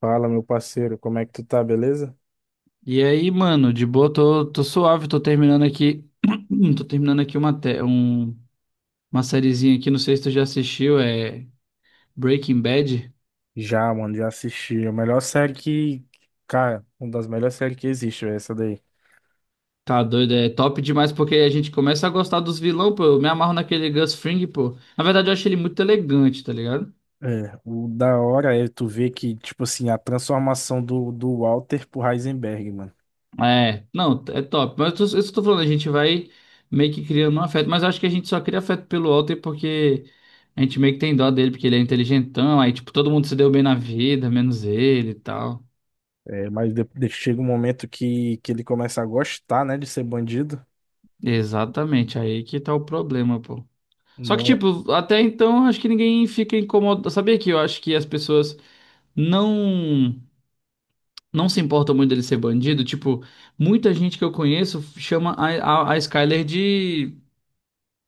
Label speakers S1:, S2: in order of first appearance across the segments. S1: Fala, meu parceiro, como é que tu tá, beleza?
S2: E aí, mano, de boa, tô suave, tô terminando aqui. Tô terminando aqui uma sériezinha aqui, não sei se tu já assistiu, é Breaking Bad.
S1: Já, mano, já assisti. A melhor série que. Cara, uma das melhores séries que existe, é essa daí.
S2: Tá doido, é top demais porque a gente começa a gostar dos vilão, pô. Eu me amarro naquele Gus Fring, pô. Na verdade, eu acho ele muito elegante, tá ligado?
S1: É, o da hora é tu ver que, tipo assim, a transformação do Walter pro Heisenberg, mano.
S2: É, não, é top. Mas eu tô falando, a gente vai meio que criando um afeto, mas eu acho que a gente só cria afeto pelo Walter porque a gente meio que tem dó dele, porque ele é inteligentão, aí, tipo, todo mundo se deu bem na vida, menos ele e tal.
S1: É, mas chega um momento que ele começa a gostar, né, de ser bandido.
S2: Exatamente, aí que tá o problema, pô. Só que,
S1: Mo-
S2: tipo, até então acho que ninguém fica incomodado. Sabia que eu acho que as pessoas não não se importam muito dele ser bandido? Tipo, muita gente que eu conheço chama a Skyler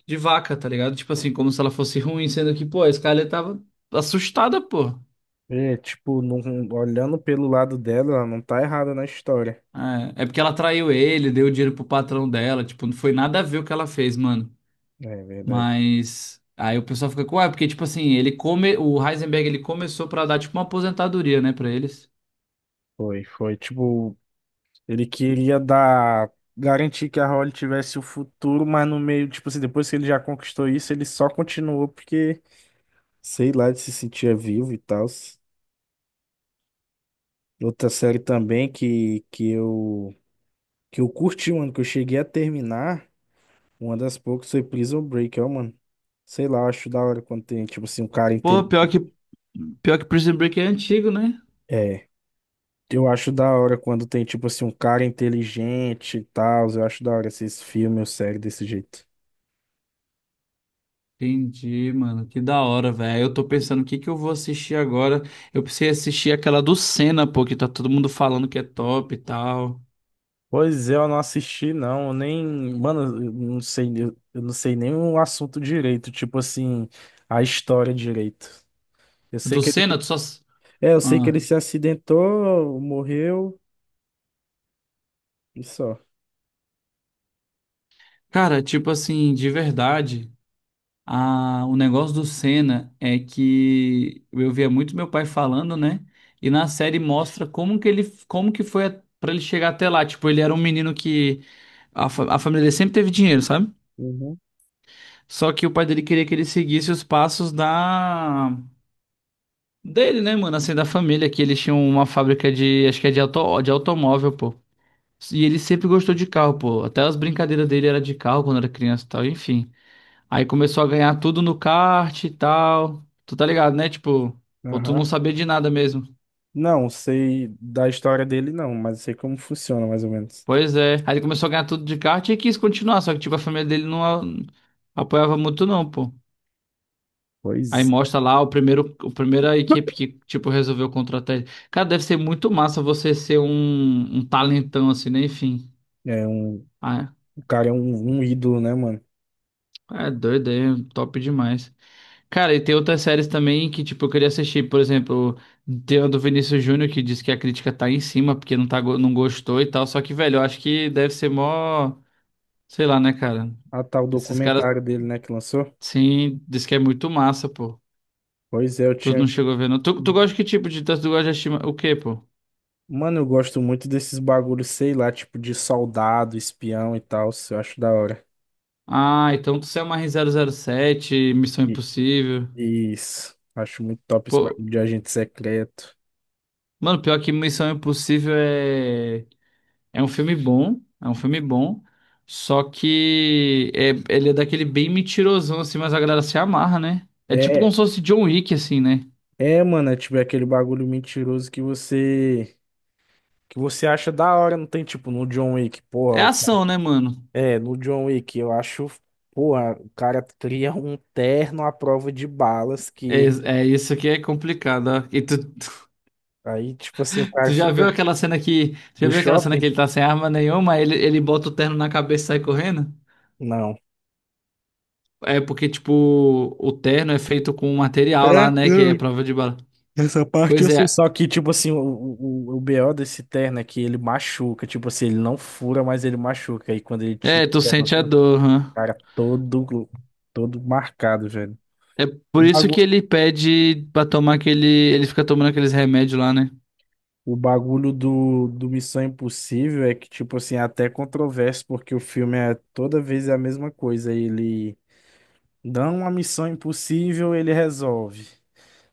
S2: de vaca, tá ligado? Tipo assim, como se ela fosse ruim, sendo que, pô, a Skyler tava assustada, pô.
S1: É, tipo, olhando pelo lado dela, ela não tá errada na história.
S2: É, é porque ela traiu ele, deu dinheiro pro patrão dela, tipo, não foi nada a ver o que ela fez, mano.
S1: É verdade.
S2: Mas aí o pessoal fica com, ah, porque tipo assim, ele come, o Heisenberg ele começou pra dar tipo uma aposentadoria, né, pra eles.
S1: Foi, foi. Tipo, ele queria dar, garantir que a Holly tivesse o futuro, mas no meio, tipo assim, depois que ele já conquistou isso, ele só continuou porque, sei lá, ele se sentia vivo e tal. Outra série também que eu curti, mano, que eu cheguei a terminar, uma das poucas foi Prison Break, ó, mano. Sei lá, eu acho da hora quando tem, tipo assim, um cara
S2: Pô, pior
S1: inteligente.
S2: que pior que Prison Break é antigo, né?
S1: É, eu acho da hora quando tem, tipo assim, um cara inteligente e tal. Eu acho da hora esses filmes ou séries desse jeito.
S2: Entendi, mano. Que da hora, velho. Eu tô pensando o que que eu vou assistir agora. Eu precisei assistir aquela do Senna, pô, que tá todo mundo falando que é top e tal.
S1: Pois é, eu não assisti, não. Eu nem. Mano, eu não sei nem o assunto direito, tipo assim, a história direito. Eu sei
S2: Do
S1: que ele.
S2: Senna, tu só.
S1: É, eu sei que
S2: Ah.
S1: ele se acidentou, morreu e só.
S2: Cara, tipo assim, de verdade. O negócio do Senna é que eu via muito meu pai falando, né? E na série mostra como que ele, como que pra ele chegar até lá. Tipo, ele era um menino que a família dele sempre teve dinheiro, sabe?
S1: Uhum.
S2: Só que o pai dele queria que ele seguisse os passos da dele, né, mano? Assim, da família, que eles tinham uma fábrica de, acho que é de auto, de automóvel, pô. E ele sempre gostou de carro, pô. Até as brincadeiras dele era de carro quando era criança e tal, enfim. Aí começou a ganhar tudo no kart e tal. Tu tá ligado, né? Tipo, ou tu não
S1: Aham.
S2: sabia de nada mesmo.
S1: Não, sei da história dele, não, mas eu sei como funciona, mais ou menos.
S2: Pois é. Aí ele começou a ganhar tudo de kart e quis continuar, só que tipo a família dele apoiava muito não, pô. Aí
S1: Pois
S2: mostra lá o primeiro, o primeira equipe que tipo resolveu contratar ele. Cara, deve ser muito massa você ser um talentão assim, né? Enfim.
S1: é,
S2: Ah,
S1: o cara é um ídolo, né, mano?
S2: é é doido, é top demais. Cara, e tem outras séries também que, tipo, eu queria assistir, por exemplo, tem a do Vinícius Júnior que diz que a crítica tá em cima porque não, tá, não gostou e tal, só que, velho, eu acho que deve ser mó, sei lá, né, cara?
S1: Ah, tá, o
S2: Esses caras,
S1: documentário dele, né, que lançou?
S2: sim, diz que é muito massa, pô.
S1: Pois é, eu
S2: Tu
S1: tinha.
S2: não chegou a ver, não. Tu, tu gosta de que tipo de... Tu gosta de assistir o quê, pô?
S1: Mano, eu gosto muito desses bagulhos, sei lá, tipo de soldado, espião e tal. Isso. Eu acho da hora.
S2: Ah, então tu é uma R zero zero sete Missão
S1: E-
S2: Impossível.
S1: Isso. Acho muito top esse
S2: Pô,
S1: bagulho de agente secreto.
S2: mano, pior que Missão Impossível é é um filme bom, só que ele é daquele bem mentirosão, assim, mas a galera se amarra, né? É tipo como
S1: É,
S2: se fosse John Wick, assim, né?
S1: é, mano, é tipo é aquele bagulho mentiroso que você acha da hora, não tem tipo no John Wick,
S2: É
S1: porra, o cara.
S2: ação, né, mano?
S1: É, no John Wick eu acho, porra, o cara cria um terno à prova de balas
S2: É,
S1: que,
S2: é isso que é complicado, ó. E tu,
S1: aí, tipo assim, o
S2: tu
S1: cara
S2: já viu
S1: fica.
S2: aquela cena que. Tu já
S1: Do
S2: viu aquela cena que
S1: shopping?
S2: ele tá sem arma nenhuma, aí ele bota o terno na cabeça e sai correndo?
S1: Não.
S2: É porque, tipo, o terno é feito com um material
S1: É?
S2: lá, né? Que é prova de bala.
S1: Essa parte
S2: Pois
S1: eu sei,
S2: é.
S1: só que, tipo assim, o BO desse terno é que ele machuca. Tipo assim, ele não fura, mas ele machuca. E quando ele tira
S2: É,
S1: o
S2: tu
S1: terno,
S2: sente a
S1: assim, o
S2: dor, hã?
S1: cara é todo marcado, velho.
S2: É
S1: O
S2: por isso que
S1: bagu-
S2: ele pede pra tomar aquele. Ele fica tomando aqueles remédios lá, né?
S1: o bagulho do Missão Impossível é que, tipo assim, é até controverso, porque o filme é toda vez é a mesma coisa. Ele dá uma missão impossível, ele resolve.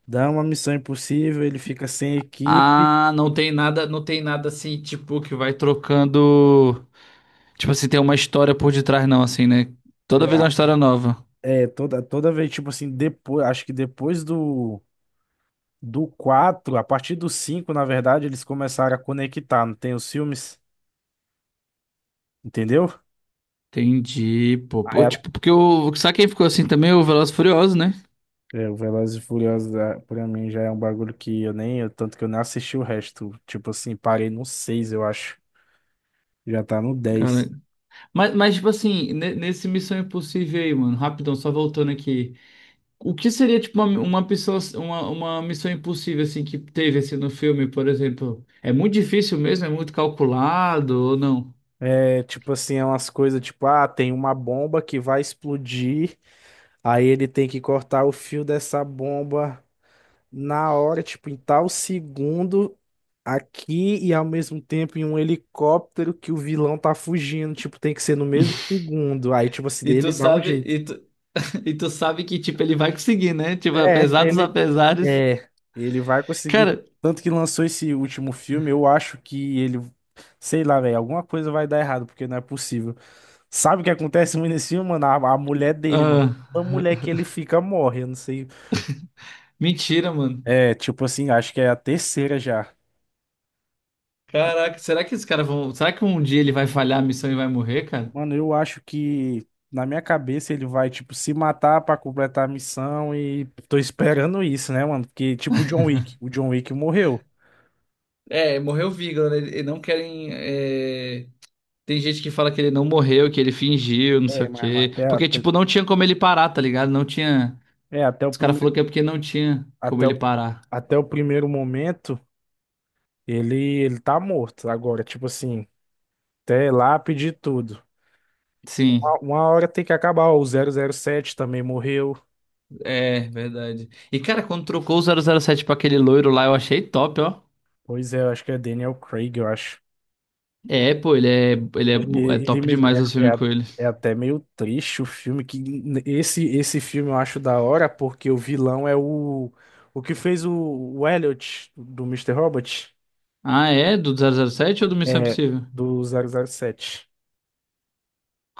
S1: Dá uma missão impossível, ele fica sem equipe.
S2: Ah, não tem nada assim, tipo, que vai trocando. Tipo assim, tem uma história por detrás, não, assim, né? Toda vez é
S1: É,
S2: uma história nova.
S1: é, toda vez, tipo assim, depois, acho que depois do quatro, a partir do cinco, na verdade, eles começaram a conectar, não tem os filmes, entendeu?
S2: Entendi, pô.
S1: Aí
S2: Pô,
S1: a-
S2: tipo, porque o. Sabe quem ficou assim também? O Velozes e Furiosos, né?
S1: É, o Velozes e Furiosos, ah, pra mim, já é um bagulho que eu nem, eu- tanto que eu nem assisti o resto, tipo assim, parei no seis, eu acho, já tá no
S2: Cara.
S1: 10.
S2: Mas, tipo assim, nesse Missão Impossível aí, mano, rapidão, só voltando aqui. O que seria tipo uma pessoa, uma missão impossível assim que teve assim no filme, por exemplo? É muito difícil mesmo, é muito calculado ou não?
S1: É, tipo assim, é umas coisas, tipo, ah, tem uma bomba que vai explodir, aí ele tem que cortar o fio dessa bomba na hora, tipo, em tal segundo aqui, e ao mesmo tempo em um helicóptero que o vilão tá fugindo, tipo, tem que ser no mesmo segundo. Aí, tipo assim,
S2: E tu
S1: ele dá um
S2: sabe,
S1: jeito.
S2: e tu, E tu sabe que, tipo, ele vai conseguir, né? Tipo,
S1: É,
S2: apesar dos
S1: ele
S2: apesares.
S1: é, ele vai conseguir.
S2: Cara,
S1: Tanto que lançou esse último filme, eu acho que ele, sei lá, velho, alguma coisa vai dar errado, porque não é possível. Sabe o que acontece muito nesse filme, mano? A mulher dele, mano.
S2: ah,
S1: A mulher que ele fica morre, eu não sei.
S2: mentira, mano.
S1: É, tipo assim, acho que é a terceira já.
S2: Caraca, será que esses caras vão. Será que um dia ele vai falhar a missão e vai morrer, cara?
S1: Mano, eu acho que, na minha cabeça, ele vai, tipo, se matar pra completar a missão, e tô esperando isso, né, mano? Porque, tipo, o John Wick. O John Wick morreu.
S2: É, morreu o Vigor, né? Eles não querem. É, tem gente que fala que ele não morreu, que ele fingiu, não sei
S1: É,
S2: o
S1: mas
S2: quê.
S1: até,
S2: Porque,
S1: até,
S2: tipo, não tinha como ele parar, tá ligado? Não tinha.
S1: é, até o
S2: Os caras falaram
S1: primeiro,
S2: que é porque não tinha como
S1: até
S2: ele
S1: o,
S2: parar.
S1: até o primeiro momento, ele, ele tá morto agora, tipo assim, até lápide e tudo.
S2: Sim,
S1: Uma hora tem que acabar. Ó, o 007 também morreu.
S2: é verdade. E, cara, quando trocou o 007 pra aquele loiro lá, eu achei top, ó.
S1: Pois é, eu acho que é Daniel Craig, eu acho.
S2: É, pô,
S1: Ele,
S2: é
S1: ele
S2: top
S1: mesmo,
S2: demais os filmes com ele.
S1: é até meio triste o filme. Esse filme eu acho da hora, porque o vilão é o que fez o Elliot do Mister Robot,
S2: Ah, é? Do 007 ou do Missão
S1: é,
S2: Impossível?
S1: do 007.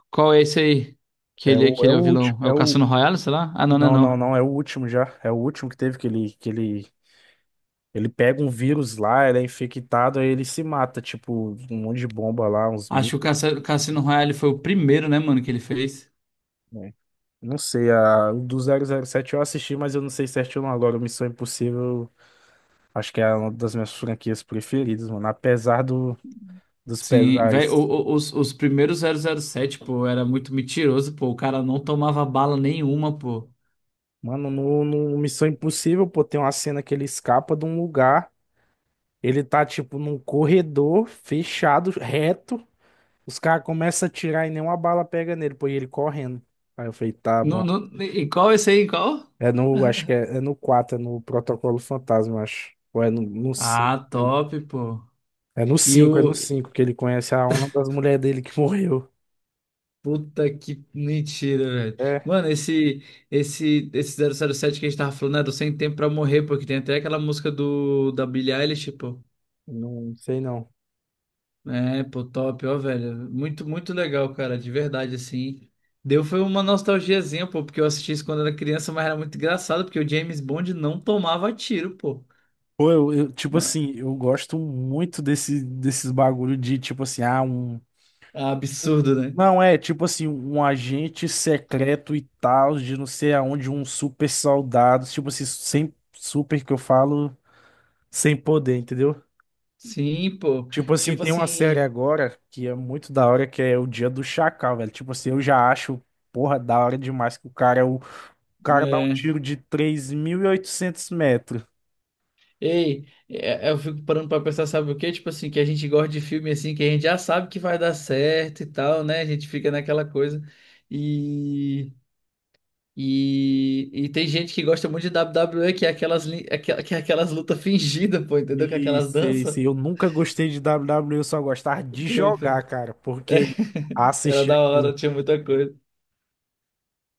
S2: Qual é esse aí?
S1: É o,
S2: Que
S1: é
S2: ele é
S1: o
S2: o vilão?
S1: último.
S2: É o Cassino Royale, sei lá? Ah, não, não é
S1: Não, não,
S2: não.
S1: não, é o último que teve, ele pega um vírus lá, ele é infectado, aí ele se mata, tipo, um monte de bomba lá, uns
S2: Acho que o
S1: mitos,
S2: Cassino Royale foi o primeiro, né, mano, que ele fez.
S1: né? Não sei, o do 007 eu assisti, mas eu não sei certinho agora, o Missão Impossível... Acho que é uma das minhas franquias preferidas, mano. Apesar dos
S2: Sim, velho,
S1: pesares.
S2: os primeiros zero zero sete pô, era muito mentiroso, pô. O cara não tomava bala nenhuma, pô.
S1: Mano, no Missão Impossível, pô, tem uma cena que ele escapa de um lugar. Ele tá, tipo, num corredor fechado, reto. Os caras começam a atirar e nenhuma bala pega nele, pô, e ele correndo. Aí eu falei, tá
S2: Não,
S1: bom.
S2: não, e qual esse aí? Em qual?
S1: É no, acho que é no quatro, é no Protocolo Fantasma, eu acho. Ou é no 5,
S2: Ah,
S1: lembro.
S2: top, pô.
S1: É no
S2: E
S1: cinco é no
S2: o.
S1: cinco que ele conhece a uma das mulheres dele que morreu.
S2: Puta que mentira, velho.
S1: É,
S2: Mano, esse zero zero sete que a gente tava falando era o Sem Tempo Pra Morrer, pô, que tem até aquela música do, da Billie Eilish, pô.
S1: não sei não.
S2: É, pô, top, ó, velho. Muito, muito legal, cara, de verdade, assim. Deu foi uma nostalgiazinha, pô, porque eu assisti isso quando era criança, mas era muito engraçado, porque o James Bond não tomava tiro, pô.
S1: Pô, tipo
S2: Na-
S1: assim, eu gosto muito desses bagulho de, tipo assim, ah, um.
S2: É absurdo, né?
S1: Não, é, tipo assim, um agente secreto e tal, de não sei aonde, um super soldado, tipo assim, sem super, que eu falo, sem poder, entendeu?
S2: Sim, pô.
S1: Tipo assim,
S2: Tipo
S1: tem uma série
S2: assim.
S1: agora que é muito da hora, que é o Dia do Chacal, velho. Tipo assim, eu já acho, porra, da hora demais que o cara dá um
S2: É...
S1: tiro de 3.800 metros.
S2: Ei, eu fico parando pra pensar, sabe o quê? Tipo assim, que a gente gosta de filme assim, que a gente já sabe que vai dar certo e tal, né? A gente fica naquela coisa. E tem gente que gosta muito de WWE, que é aquelas, que é aquelas lutas fingidas, pô, entendeu? Que é aquelas
S1: Isso,
S2: danças.
S1: isso. Eu nunca gostei de WWE, eu só gostava de
S2: Nunca.
S1: jogar, cara,
S2: É,
S1: porque
S2: era
S1: assistir
S2: da
S1: aquilo.
S2: hora, tinha muita coisa.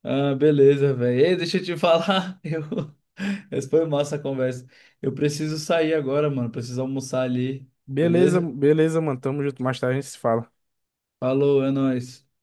S2: Ah, beleza, velho. Ei, deixa eu te falar. Eu... Essa foi massa a conversa. Eu preciso sair agora, mano. Preciso almoçar ali.
S1: Beleza,
S2: Beleza?
S1: beleza, mano. Tamo junto. Mais tarde a gente se fala.
S2: Falou, é nóis.